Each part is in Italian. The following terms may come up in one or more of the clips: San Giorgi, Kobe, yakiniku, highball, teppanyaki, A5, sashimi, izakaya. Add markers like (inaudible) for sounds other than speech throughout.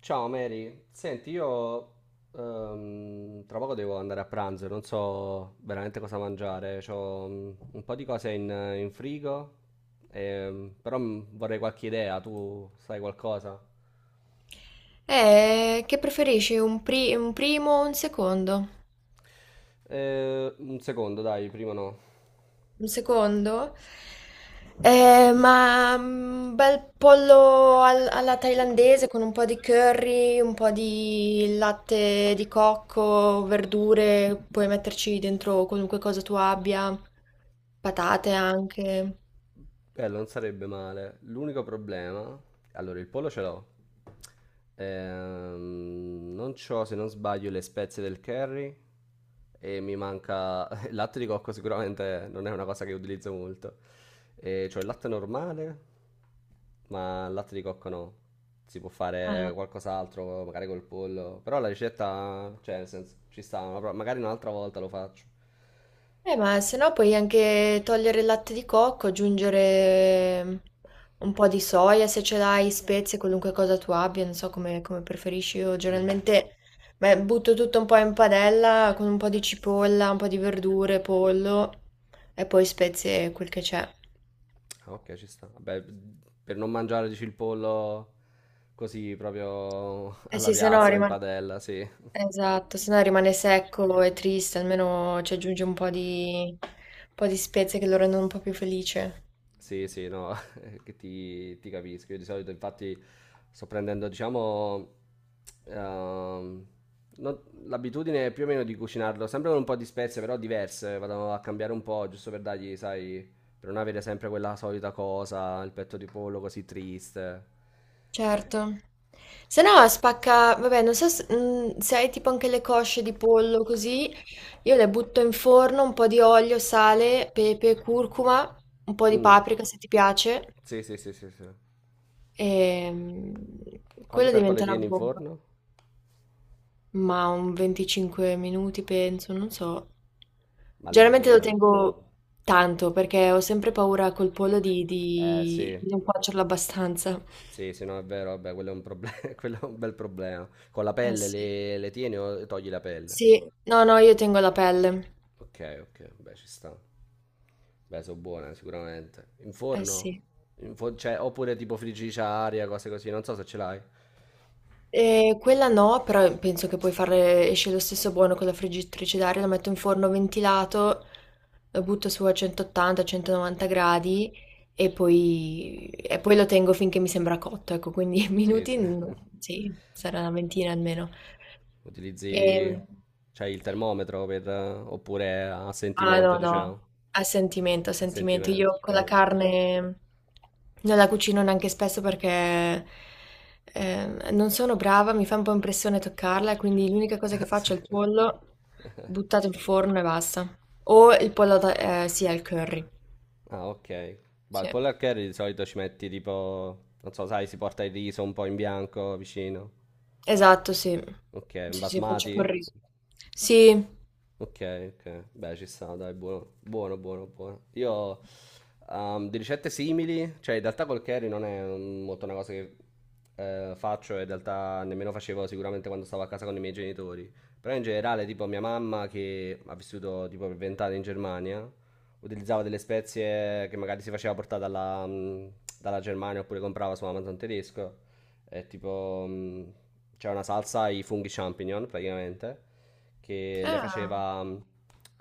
Ciao Mary, senti, io tra poco devo andare a pranzo, e non so veramente cosa mangiare, ho un po' di cose in frigo, però vorrei qualche idea, tu sai qualcosa? Che preferisci, un primo o un secondo? Un secondo, dai, prima no. Un secondo? Ma bel alla thailandese con un po' di curry, un po' di latte di cocco, verdure, puoi metterci dentro qualunque cosa tu abbia, patate anche. Bello, non sarebbe male. L'unico problema. Allora, il pollo ce l'ho. Non c'ho, se non sbaglio, le spezie del curry e mi manca. (laughs) Il latte di cocco sicuramente non è una cosa che utilizzo molto. E c'ho il latte normale, ma il latte di cocco no. Si può fare qualcos'altro, magari col pollo. Però la ricetta, cioè, nel senso, ci sta. Magari un'altra volta lo faccio. Ma se no puoi anche togliere il latte di cocco, aggiungere un po' di soia se ce l'hai, spezie, qualunque cosa tu abbia, non so come, come preferisci. Io Mm. generalmente beh, butto tutto un po' in padella con un po' di cipolla, un po' di verdure, pollo e poi spezie e quel che c'è. Ah, ok, ci sta. Vabbè, per non mangiare, dici, il pollo così proprio (laughs) Eh alla sì, se no piastra, in rimane... padella, sì. Esatto, se no rimane secco e triste, almeno ci aggiunge un po' di spezie che lo rendono un po' più felice. Sì, sì, no, (laughs) che ti capisco. Io di solito, infatti, sto prendendo, diciamo, ehm, non- l'abitudine più o meno di cucinarlo, sempre con un po' di spezie, però diverse. Vado a cambiare un po', giusto per dargli, sai, per non avere sempre quella solita cosa, il petto di pollo così triste. Certo. Se no spacca, vabbè, non so se, se hai tipo anche le cosce di pollo così, io le butto in forno, un po' di olio, sale, pepe, curcuma, un po' di Mm. paprika se ti piace, Sì, sì, sì, sì, sì. e Quanto quella tempo le diventerà tieni in bomba. forno? Ma un 25 minuti penso, non so. Ma Generalmente lo lì, tengo tanto perché ho sempre paura col pollo di, eh di sì, di non cuocerlo abbastanza. sì, sì, no, è vero, vabbè, quello è un proble- (laughs) quello è un bel problema. Con la Eh pelle sì. le tieni o togli la pelle? Sì, no, no, io tengo la pelle. Ok, ok, beh, ci sta. Beh, sono buone sicuramente. In Eh forno? sì. Cioè, oppure tipo friggitrice a aria, cose così, non so se ce l'hai. E quella no, però penso che puoi fare, esce lo stesso buono con la friggitrice d'aria, la metto in forno ventilato, lo butto su a 180-190 gradi e poi lo tengo finché mi sembra cotto, ecco, quindi (laughs) Sì, minuti, sì. (laughs) no, sì, sarà una ventina almeno. E, Utilizzi, cioè, il termometro per, oppure a Ah sentimento, no, no, diciamo. a sentimento, a A sentimento. sentimento, Io ok. con la carne non la cucino neanche spesso perché non sono brava, mi fa un po' impressione toccarla, quindi l'unica cosa (laughs) che Ah, sì. faccio è il pollo buttato in forno e basta. O sì, al curry. Ah, ok. Ma il Sì. pollo al curry di solito ci metti tipo, non so, sai, si porta il riso un po' in bianco vicino. Esatto, sì. Ok, un Sì, sì, faccio col basmati? riso. Sì. Ok, ok. Beh, ci sta, dai, buono, buono, buono, buono. Io di ricette simili, cioè in realtà col curry non è molto una cosa che faccio, e in realtà nemmeno facevo sicuramente quando stavo a casa con i miei genitori. Però in generale, tipo mia mamma che ha vissuto tipo per 20 anni in Germania, utilizzava delle spezie che magari si faceva portare dalla Germania oppure comprava su Amazon tedesco. È tipo, c'è una salsa ai funghi champignon, praticamente, che le Ah, faceva,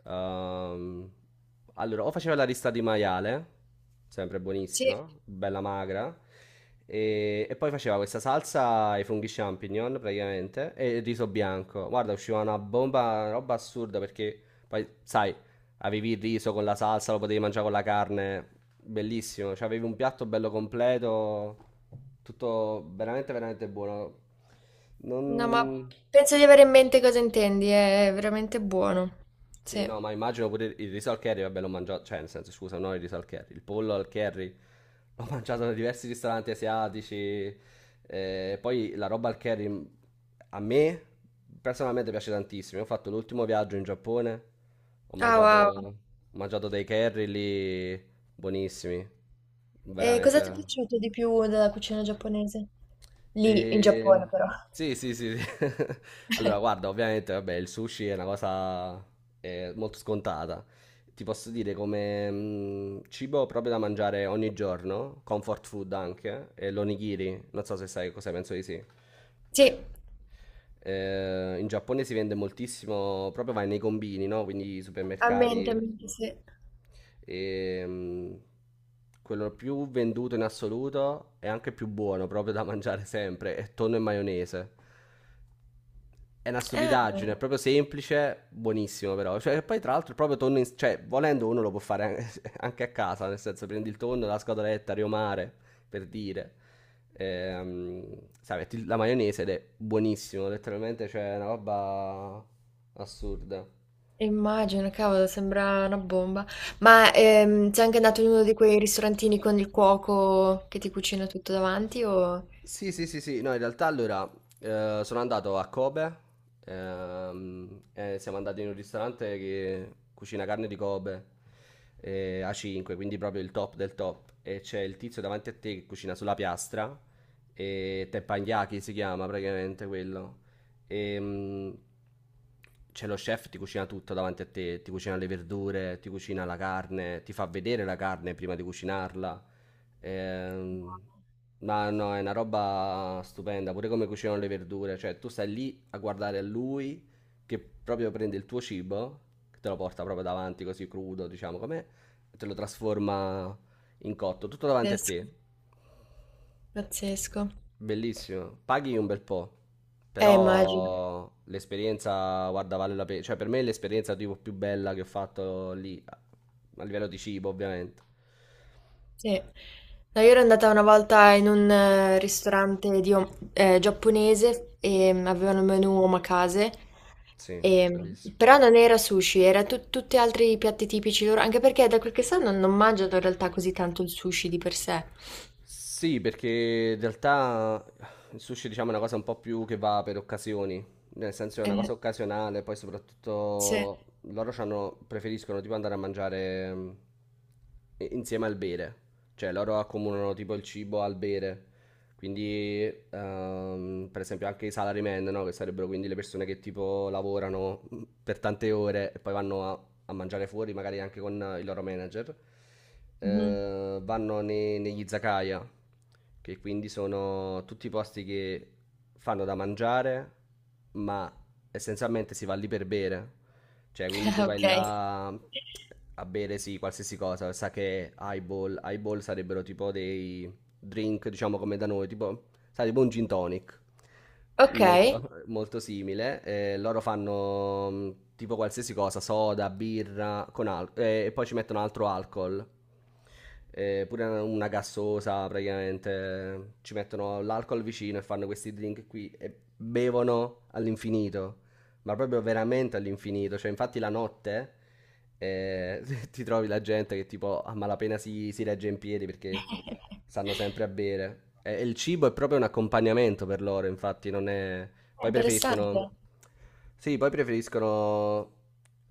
ehm, allora, o faceva la rista di maiale, sempre sì. buonissima, bella magra, e poi faceva questa salsa ai funghi champignon, praticamente, e il riso bianco. Guarda, usciva una bomba, una roba assurda, perché poi, sai, avevi il riso con la salsa, lo potevi mangiare con la carne, bellissimo, cioè avevi un piatto bello completo, tutto veramente veramente buono. No, ma Non. penso di avere in mente cosa intendi, è veramente buono. Sì, Sì. no, ma immagino pure il riso al curry, vabbè, l'ho mangiato, cioè, nel senso, scusa, non il riso al curry, il pollo al curry l'ho (laughs) mangiato da diversi ristoranti asiatici. Poi la roba al curry, a me personalmente piace tantissimo. Io ho fatto l'ultimo viaggio in Giappone, ho Ah, mangiato, wow. Dei curry lì buonissimi, E cosa ti è veramente. piaciuto di più della cucina giapponese? Lì, in E... Giappone però. Sì, sì, sì, sì. (laughs) Allora, guarda, (laughs) ovviamente, vabbè, il sushi è una cosa molto scontata. Ti posso dire come cibo proprio da mangiare ogni giorno, comfort food anche, e l'onigiri, non so se sai cosa penso di sì. Sì, In Giappone si vende moltissimo, proprio vai nei combini, no? Quindi i a supermercati. mente, sì. E, quello più venduto in assoluto e anche più buono, proprio da (laughs) mangiare sempre, è tonno e maionese. È una stupidaggine, è Ah, proprio semplice, buonissimo però. Cioè, poi tra l'altro il proprio tonno, cioè, volendo uno lo può fare (laughs) anche a casa, nel senso prendi il tonno, la scatoletta, riomare, per dire. Ehm, Sai, metti la maionese ed è buonissimo, letteralmente c'è una roba assurda. immagino, cavolo, sembra una bomba. Ma sei anche andato in uno di quei ristorantini con il cuoco che ti cucina tutto davanti o... Sì, sì, sì, sì, no, in realtà allora sono andato a Kobe, e siamo andati in un ristorante che cucina carne di Kobe, A5, quindi proprio il top del top, e c'è il tizio davanti a te che cucina sulla piastra, e teppanyaki si chiama praticamente quello, e c'è lo chef, ti cucina tutto davanti a te, ti cucina le verdure, ti cucina la carne, ti fa vedere la carne prima di cucinarla. Ehm, ma no, è una roba stupenda, pure come cucinano le verdure, cioè tu stai lì a guardare lui che proprio prende il tuo cibo, che te lo porta proprio davanti così crudo, diciamo com'è, e te lo trasforma in cotto, tutto davanti a Pazzesco. te. Pazzesco. Bellissimo, paghi un bel po', Immagino. però l'esperienza, guarda, vale la pena, cioè per me è l'esperienza tipo più bella che ho fatto lì, a livello di cibo ovviamente. Sì. No, io ero andata una volta in un ristorante giapponese e avevano il menù omakase, Sì, e, bellissimo. però non era sushi, era tutti altri piatti tipici loro, anche perché da quel che so non, non mangiano in realtà così tanto il sushi di per sé. Sì, perché in realtà il sushi, diciamo, è una cosa un po' più che va per occasioni, nel senso è una cosa Eh, occasionale, poi sì. soprattutto loro preferiscono tipo andare a mangiare, insieme al bere, cioè loro accomunano tipo il cibo al bere, quindi, per esempio, anche i salarymen, no? Che sarebbero quindi le persone che tipo lavorano, per tante ore e poi vanno a mangiare fuori, magari anche con il loro manager. Mhm. Vanno negli izakaya, che quindi sono tutti i posti che fanno da mangiare, ma essenzialmente si va lì per bere. Cioè, quindi tu (laughs) vai Ok. là a bere, sì, qualsiasi cosa, sa che highball sarebbero tipo dei drink, diciamo come da noi, tipo, sai, tipo un gin tonic, Ok. molto, molto simile. Loro fanno tipo qualsiasi cosa, soda, birra, con e poi ci mettono altro alcol. Pure una gassosa praticamente ci mettono l'alcol vicino e fanno questi drink qui e bevono all'infinito ma proprio veramente all'infinito. Cioè, infatti, la notte, eh, (laughs) ti trovi la gente che tipo a malapena si regge in piedi perché stanno (laughs) sempre a bere. E il cibo è proprio un accompagnamento per loro, infatti, non è. Poi Interessante. preferiscono. Sì, poi preferiscono.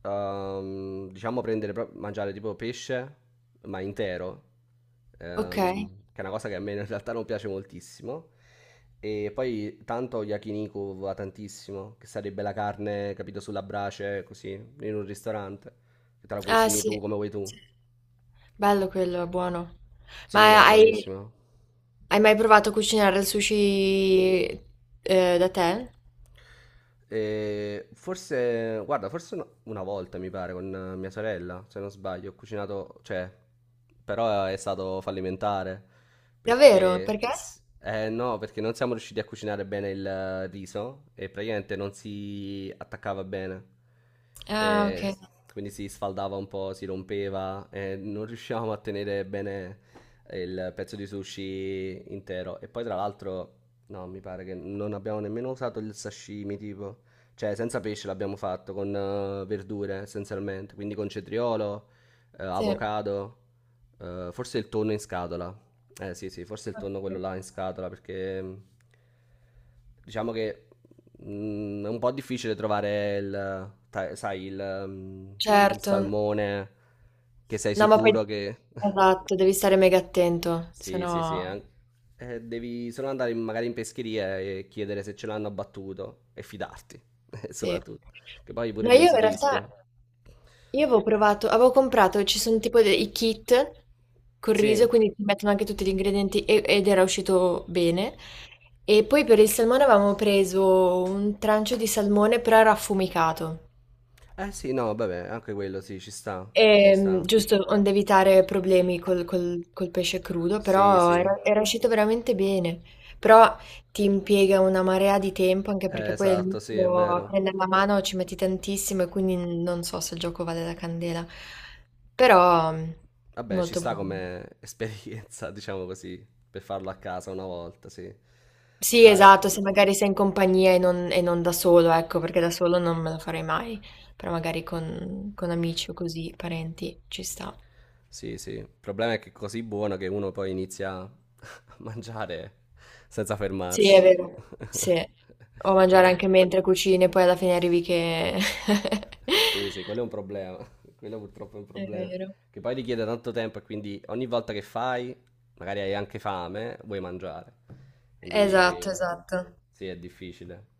Diciamo prendere, mangiare tipo pesce, ma intero, Ok. Che è una cosa che a me in realtà non piace moltissimo. E poi tanto yakiniku va tantissimo, che sarebbe la carne, capito, sulla brace, così, in un ristorante, che te la Ah, cucini tu sì. come vuoi tu. Bello quello, è buono. Sì, no, Ma hai, buonissimo. hai mai provato a cucinare il sushi da te? E forse, guarda, forse una volta mi pare con mia sorella, se non sbaglio, ho cucinato, cioè, però è stato fallimentare Davvero? perché, Perché? No, perché non siamo riusciti a cucinare bene il riso e praticamente non si attaccava bene. Ah, E s- ok. quindi si sfaldava un po', si rompeva e non riuscivamo a tenere bene il pezzo di sushi intero. E poi, tra l'altro, no, mi pare che non abbiamo nemmeno usato il sashimi, tipo. Cioè, senza pesce l'abbiamo fatto, con verdure essenzialmente. Quindi con cetriolo, Sì. avocado, forse il tonno in scatola. Eh sì, sì, forse il tonno quello Ok. là in scatola, perché diciamo che è un po' difficile trovare il, sai, il, tipo il Certo. salmone che sei No, ma poi... sicuro che. Esatto, devi stare mega attento, se Sì, sì, sì. no... Devi solo andare magari in pescheria e chiedere se ce l'hanno abbattuto e fidarti, (laughs) Sì. soprattutto. Che poi pure No, lì io si in realtà rischia. io avevo provato, avevo comprato, ci sono tipo dei i kit col riso, Sì. quindi ti mettono anche tutti gli ingredienti ed era uscito bene. E poi per il salmone avevamo preso un trancio di salmone, però era affumicato. Eh sì, no, vabbè, anche quello sì, ci sta. Ci sta. Giusto, onde evitare problemi col pesce crudo, Sì, sì. però era, era uscito veramente bene. Però ti impiega una marea di tempo, anche perché poi Esatto, sì, è all'inizio a vero. prendere la mano ci metti tantissimo e quindi non so se il gioco vale la candela. Sì. Però Vabbè, ci molto sta buono. come (laughs) esperienza, diciamo così, per farlo a casa una volta, sì. Sì, No, esatto, se magari sei in compagnia e non da solo, ecco, perché da solo non me lo farei mai, però magari con amici o così, parenti, ci sta. sì, sì. Il problema è che è così buono che uno poi inizia (laughs) a mangiare senza Sì, è fermarsi. vero. Sì. (laughs) O Quello è mangiare un- anche mentre cucini e poi alla fine arrivi che... (laughs) Sì, sì, quello è un problema. (laughs) Quello purtroppo è un È problema. vero. Che poi richiede tanto tempo e quindi ogni volta che fai, magari hai anche fame, vuoi mangiare. Esatto, Quindi esatto. sì, è difficile.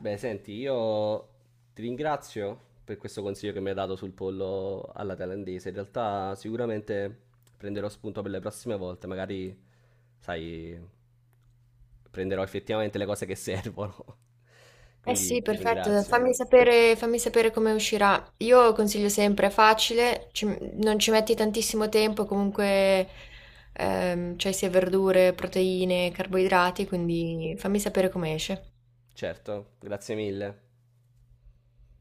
Beh, senti, io ti ringrazio per questo consiglio che mi hai dato sul pollo alla thailandese. In realtà sicuramente prenderò spunto per le prossime volte, magari, sai, prenderò effettivamente le cose che servono. (laughs) Eh sì, Quindi ti perfetto. ringrazio. Fammi sapere come uscirà. Io consiglio sempre, è facile, non ci metti tantissimo tempo, comunque c'hai sia verdure, proteine, carboidrati, quindi fammi sapere come esce. Certo, grazie mille.